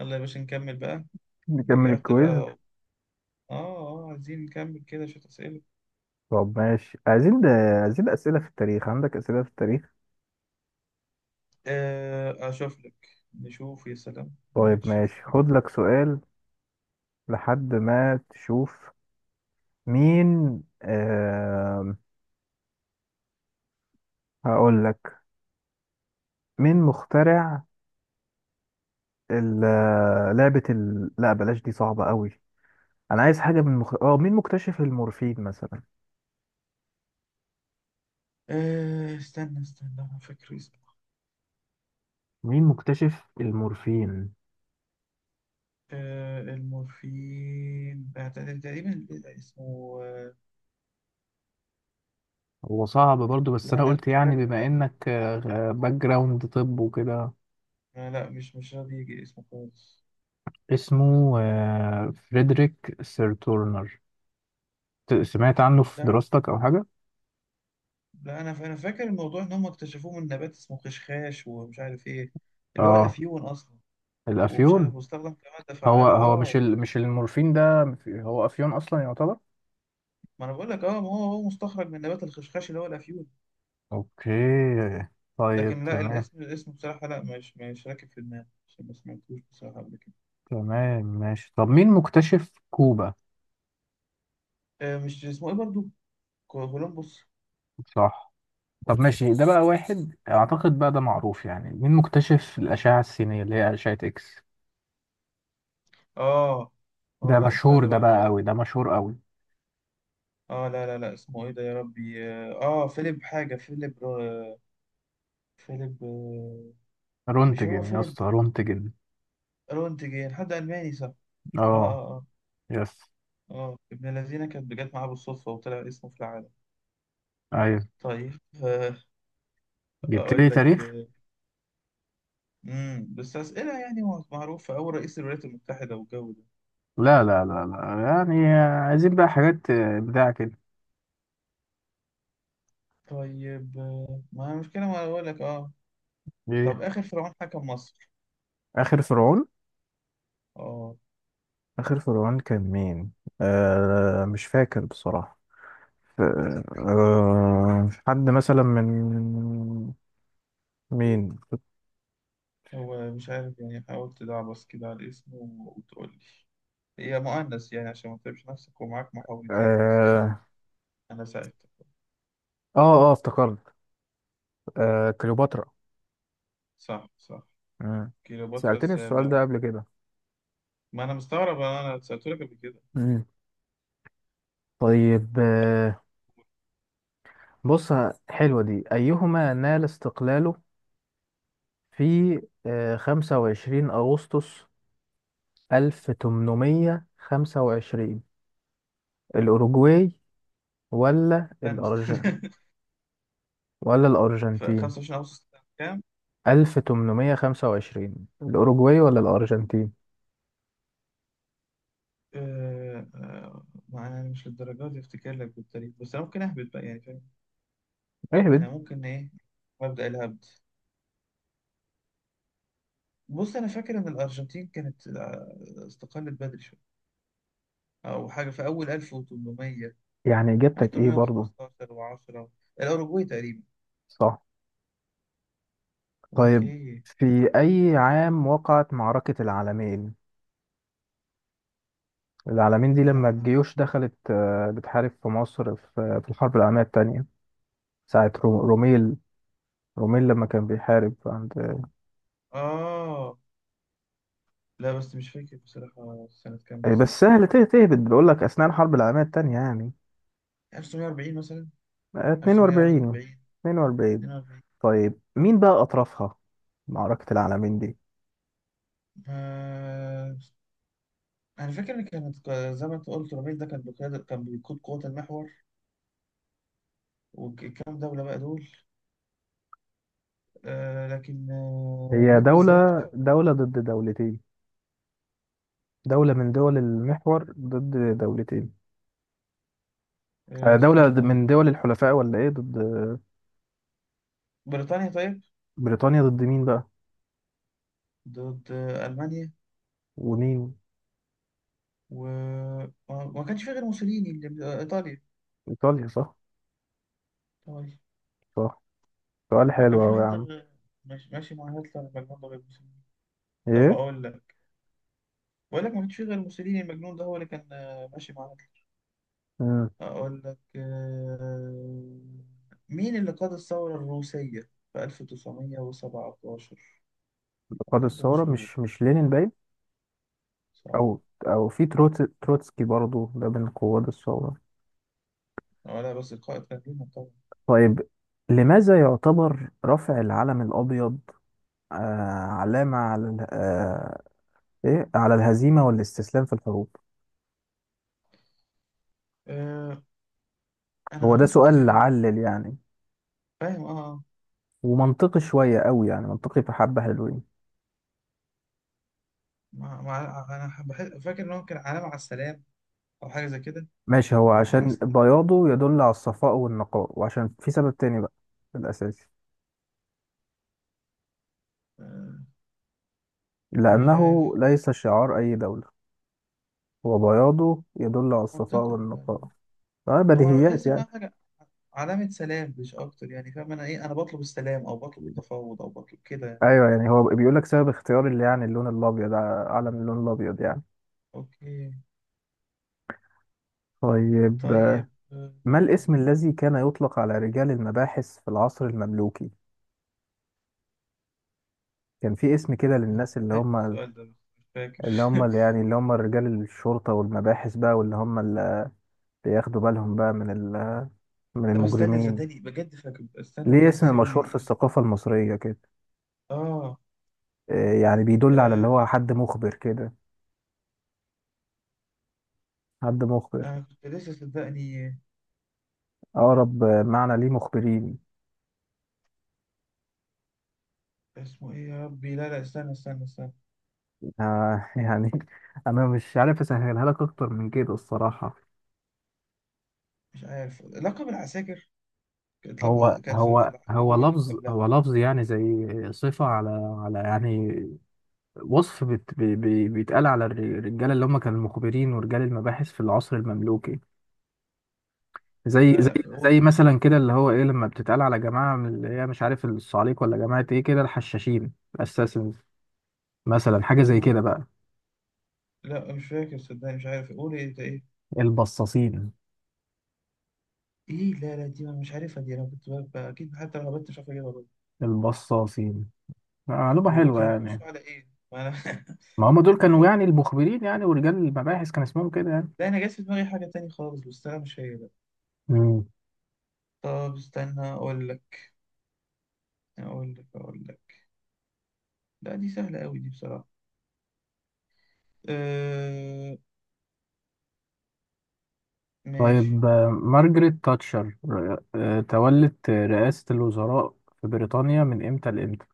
يلا يا باشا، نكمل بقى. نكمل رجعت بقى. الكويز. اه، اه، عايزين نكمل كده شوية أسئلة. طب ماشي، عايزين ده. عايزين أسئلة في التاريخ، عندك أسئلة في التاريخ؟ آه، أشوف لك. نشوف، يا سلام طيب نكتشف ماشي، حاجة. خد لك سؤال لحد ما تشوف. مين هقول لك. مين مخترع لعبة لا بلاش، دي صعبة قوي. أنا عايز حاجة من مخ... اه مين مكتشف المورفين مثلا؟ آه، استنى استنى، أنا فاكر اسمه. مين مكتشف المورفين؟ آه، المورفين. آه، تقريبا. اسمه. هو صعب برضو، بس لا، انا لا، قلت مش يعني فاكره، بما لا. انك باك جراوند. طب وكده، آه، لا، مش راضي يجي اسمه خالص. اسمه فريدريك سيرتورنر. سمعت عنه في لا، دراستك او حاجه؟ لا، أنا فاكر الموضوع إن هم اكتشفوه من نبات اسمه خشخاش، ومش عارف إيه، اللي هو اه، الأفيون أصلا. ومش عارف، الافيون. واستخدم كمادة هو فعالة. هو مش اه. مش المورفين ده، هو افيون اصلا يعتبر. ما انا بقول لك، ما هو مستخرج من نبات الخشخاش اللي هو الافيون. اوكي. طيب لكن لا، تمام. الاسم بصراحه، لا، مش راكب في دماغي عشان ما سمعتوش بصراحه قبل كده. تمام ماشي. طب مين مكتشف كوبا؟ آه، مش اسمه ايه برضو. كولومبوس. صح. طب ماشي، ده بقى واحد اعتقد بقى ده معروف يعني، مين مكتشف الاشعه السينيه اللي هي اشعه اكس؟ اه، اه، ده لا، مشهور، استنى ده بقى بقى أحاول قوي، أجيب. ده مشهور قوي. اه، لا، لا، لا، اسمه ايه ده يا ربي؟ فيليب حاجه، فيليب رو... فيليب، مش هو رونتجن يا فيليب؟ اسطى، رونتجن. رونتجين، حد الماني، صح. اه، اه. اه، اه. يس. اه، ابن الذين كانت جت معاه بالصدفه، وطلع اسمه في العالم. ايوه، طيب. جبت اقول لي لك. تاريخ. بس أسئلة يعني معروفة، أو رئيس الولايات المتحدة والجو ده. لا لا لا لا، يعني عايزين بقى حاجات بتاع كده. طيب، ما المشكلة. ما أقول لك. ايه؟ طب، آخر فرعون حكم مصر. آخر فرعون. أه. آخر فرعون كان مين؟ مش فاكر بصراحة. ف- حد مثلا من؟ مين؟ هو مش عارف يعني، حاولت تعبس كده على اسمه وتقول لي، هي مؤنث يعني عشان ما تتعبش نفسك، ومعاك محاولتين بس عشان آه أنا ساعدتك. آه افتكرت، كليوباترا. صح، صح. مم. كليوباترا سألتني السؤال ده السابعة. قبل كده. ما أنا مستغرب، أنا سألت لك قبل كده. مم. طيب، بص، حلوة دي. أيهما نال استقلاله في 25 أغسطس 1825، الأوروجواي ولا استنى، استنى. ولا في الأرجنتين؟ 25 أغسطس سنة كام؟ 1825، الأوروجواي ولا الأرجنتين. ما أنا مش للدرجة دي أفتكر لك بالتاريخ، بس أنا ممكن أهبط بقى يعني. اهبد احنا ممكن ايه، مبدأ الهبد. بص، انا فاكر ان الارجنتين كانت، استقلت بدري شويه، او حاجه في اول 1800. يعني؟ إجابتك إيه برضو؟ 1815 و10، الاوروجواي تقريبا. صح. طيب، اوكي. في أي عام وقعت معركة العالمين؟ العالمين دي لما العالم. الجيوش دخلت، بتحارب في مصر، في الحرب العالمية التانية ساعة روميل. روميل لما كان بيحارب عند، اه لا، بس مش فاكر بصراحه سنه كام بالظبط. بس سهل تهبد. بقول لك أثناء الحرب العالمية التانية يعني. 1940 مثلا. 42 1941. 42 42. طيب مين بقى أطرافها، معركة العالمين دي؟ آه... انا فاكر ان كانت، زي ما انت قلت، رميل ده كان بقياده، كان بيقود قوات المحور، وكام دوله بقى دول. لكن هي مين دولة، بالظبط؟ دولة ضد دولتين. دولة من دول المحور ضد دولتين. دولة استنى. من دول الحلفاء ولا إيه ضد؟ بريطانيا، طيب. بريطانيا ضد مين بقى؟ ضد ألمانيا. ومين؟ وما ما كانش في غير موسوليني اللي إيطاليا. إيطاليا، صح. طيب، صح، سؤال هو كان حلو في أوي يا حد عم. مش ماشي مع هتلر المجنون ده غير موسوليني؟ طب، إيه؟ أقول لك، بقول لك، ما كانش في غير موسوليني المجنون ده هو اللي كان، ماشي مع هتلر. مم. أقول لك، مين اللي قاد الثورة الروسية في 1917؟ قاد حد الثورة؟ مشهور، مش لينين باين. صح. أو أو في تروتسكي برضو، ده من قواد الثورة. ولا بس القائد كان لينا طبعا. طيب، لماذا يعتبر رفع العلم الأبيض آه علامة على ال- آه إيه على الهزيمة والاستسلام في الحروب؟ آه، أنا هو ده قريت سؤال الحاجة. علل يعني؟ فاهم، اه، آه. ومنطقي شوية قوي يعني، منطقي في حبة حلوين. انا فاكر ان هو كان علامة على السلام، او حاجة زي كده. ماشي، هو على عشان السلام. بياضه يدل على الصفاء والنقاء، وعشان في سبب تاني بقى الأساسي آه، مش لأنه عارف. ليس شعار أي دولة. هو بياضه يدل على الصفاء منطقي. لا، لا، والنقاء. لا. هو انا بديهيات بحس ان يعني. هو حاجة، علامة سلام مش اكتر يعني. فاهم انا ايه، انا بطلب السلام، او بطلب التفاوض، او بطلب كده يعني. أيوه يعني، هو بيقول لك سبب اختيار اللي يعني اللون الأبيض، علم اللون الأبيض يعني. اوكي. طيب، طيب. ما الاسم الذي كان يطلق على رجال المباحث في العصر المملوكي؟ كان في اسم كده مش للناس اللي فاكر هم، السؤال ده، بس مش فاكر. اللي هم اللي يعني اللي هم رجال الشرطة والمباحث بقى، واللي هم اللي بياخدوا بالهم بقى من من طب، استنى، المجرمين. صدقني بجد فاكر، استنى ليه بجد، اسم سيبني مشهور في دي. الثقافة المصرية كده. اه. يعني بيدل على اللي آه، هو حد مخبر كده. حد مخبر. انا كنت لسه، صدقني. أقرب معنى ليه مخبرين. اسمه ايه يا ربي! لا، لا، استنى، استنى، استنى. يعني أنا مش عارف أسهلها لك أكتر من كده الصراحة. مش عارف. لقب العساكر كانت، هو كانت في هو العصر هو ده ولا لفظ قبلها؟ هو لفظ يعني، زي صفة على، يعني وصف بت بي بي بيتقال على الرجالة اللي هم كانوا المخبرين ورجال المباحث في العصر المملوكي. زي لا، زي لا، قول. زي مثلا كده، اللي هو ايه لما بتتقال على جماعة من، اللي هي مش عارف الصعاليك ولا جماعة ايه كده، الحشاشين، الاساسنز. مثلا حاجة زي آه، كده بقى. لا، مش فاكر، صدقني. مش عارف. قول ايه ده، ايه. البصاصين. ايه؟ لا، لا، دي أنا مش عارفها. دي انا كنت اكيد، حتى لو هبت مش عارف اجيبها برضه. البصاصين معلومة حلوة كانوا يعني. بيبصوا على ايه، ما انا. ما هم دول كانوا معلومة. يعني المخبرين يعني، ورجال المباحث كان اسمهم كده لا، انا جات في دماغي حاجة تانية خالص، بس انا مش هي بقى. يعني. طب، استنى، اقول لك. لا، دي سهلة قوي دي بصراحة. أه. ماشي. طيب مارجريت تاتشر تولت رئاسة الوزراء في بريطانيا من امتى لامتى؟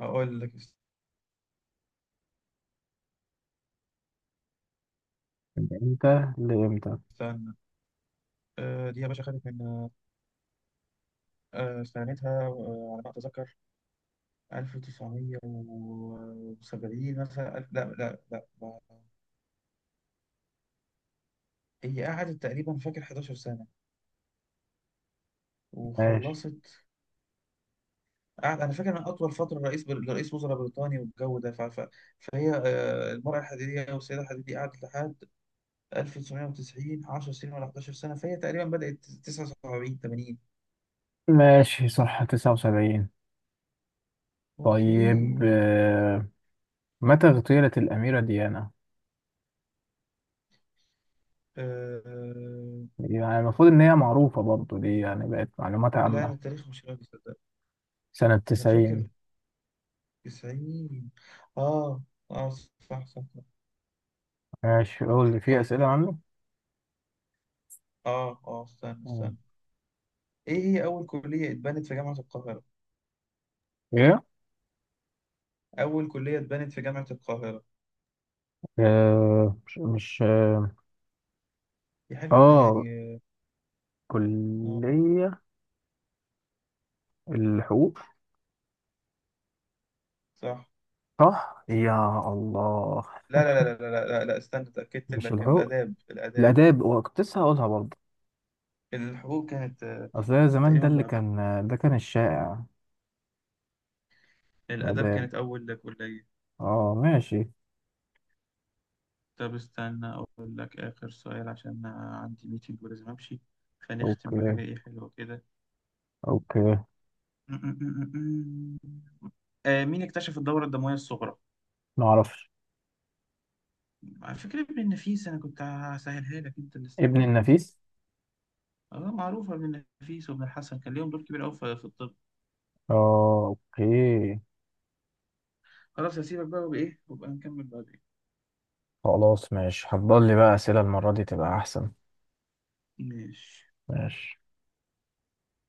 اقول لك. من امتى لامتى؟ استنى. دي يا باشا خدت من، استعنتها، على ما اتذكر، 1970 مثلا، لا، لا، لا، هي قعدت تقريبا، فاكر 11 سنة ماشي. وخلصت. قعد، انا فاكر ان اطول فترة رئيس وزراء بريطاني والجو ده، فهي المرأة الحديدية والسيدة الحديدية، قعدت لحد 1990. 10 سنين ولا 11 سنة. فهي تقريبا بدأت 79، 80. ماشي، صح، 79. اوكي. طيب، متى اغتيلت الأميرة ديانا؟ أه... يعني المفروض إن هي معروفة برضو دي، يعني بقت معلومات لا، انا عامة. التاريخ مش راضي، صدق. سنة انا فاكر 90. 90. اه، اه، صح، صح، صح. ماشي، قول لي في أسئلة طيب، عنه؟ اه، اه، استنى، مم. استنى. ايه هي اول كلية اتبنت في جامعة القاهرة؟ إيه؟ اول كلية اتبنت في جامعة القاهرة. مش دي حاجة آه، يعني. اه، كلية الحقوق. صح. صح؟ يا الله. لا، لا، لا، لا، لا، لا، لا، استنى، اتأكدت مش لك. الحقوق، الاداب، الاداب. الآداب، وكنت لسه هقولها برضه. الحقوق كانت، أصل هي زمان تقريبا ده اللي بعدها. كان، ده كان الشائع، الاداب الآداب. كانت اول كلية. اه ماشي. طب، استنى اقول لك اخر سؤال، عشان أنا عندي ميتنج ولازم امشي. فنختم أوكي. بحاجة ايه حلوة كده. أوكي. مين اكتشف الدورة الدموية الصغرى؟ معرفش. على فكرة ابن النفيس. أنا كنت هسهلها لك، أنت اللي ابن استعجلت. النفيس. اه، معروفة. ابن النفيس وابن الحسن كان ليهم دور كبير أوي في الطب. اه أوكي. خلاص، هسيبك بقى، وبإيه، وبقى نكمل بعدين. خلاص ماشي، هتضل لي بقى أسئلة المرة دي تبقى أحسن. ماشي. ماشي.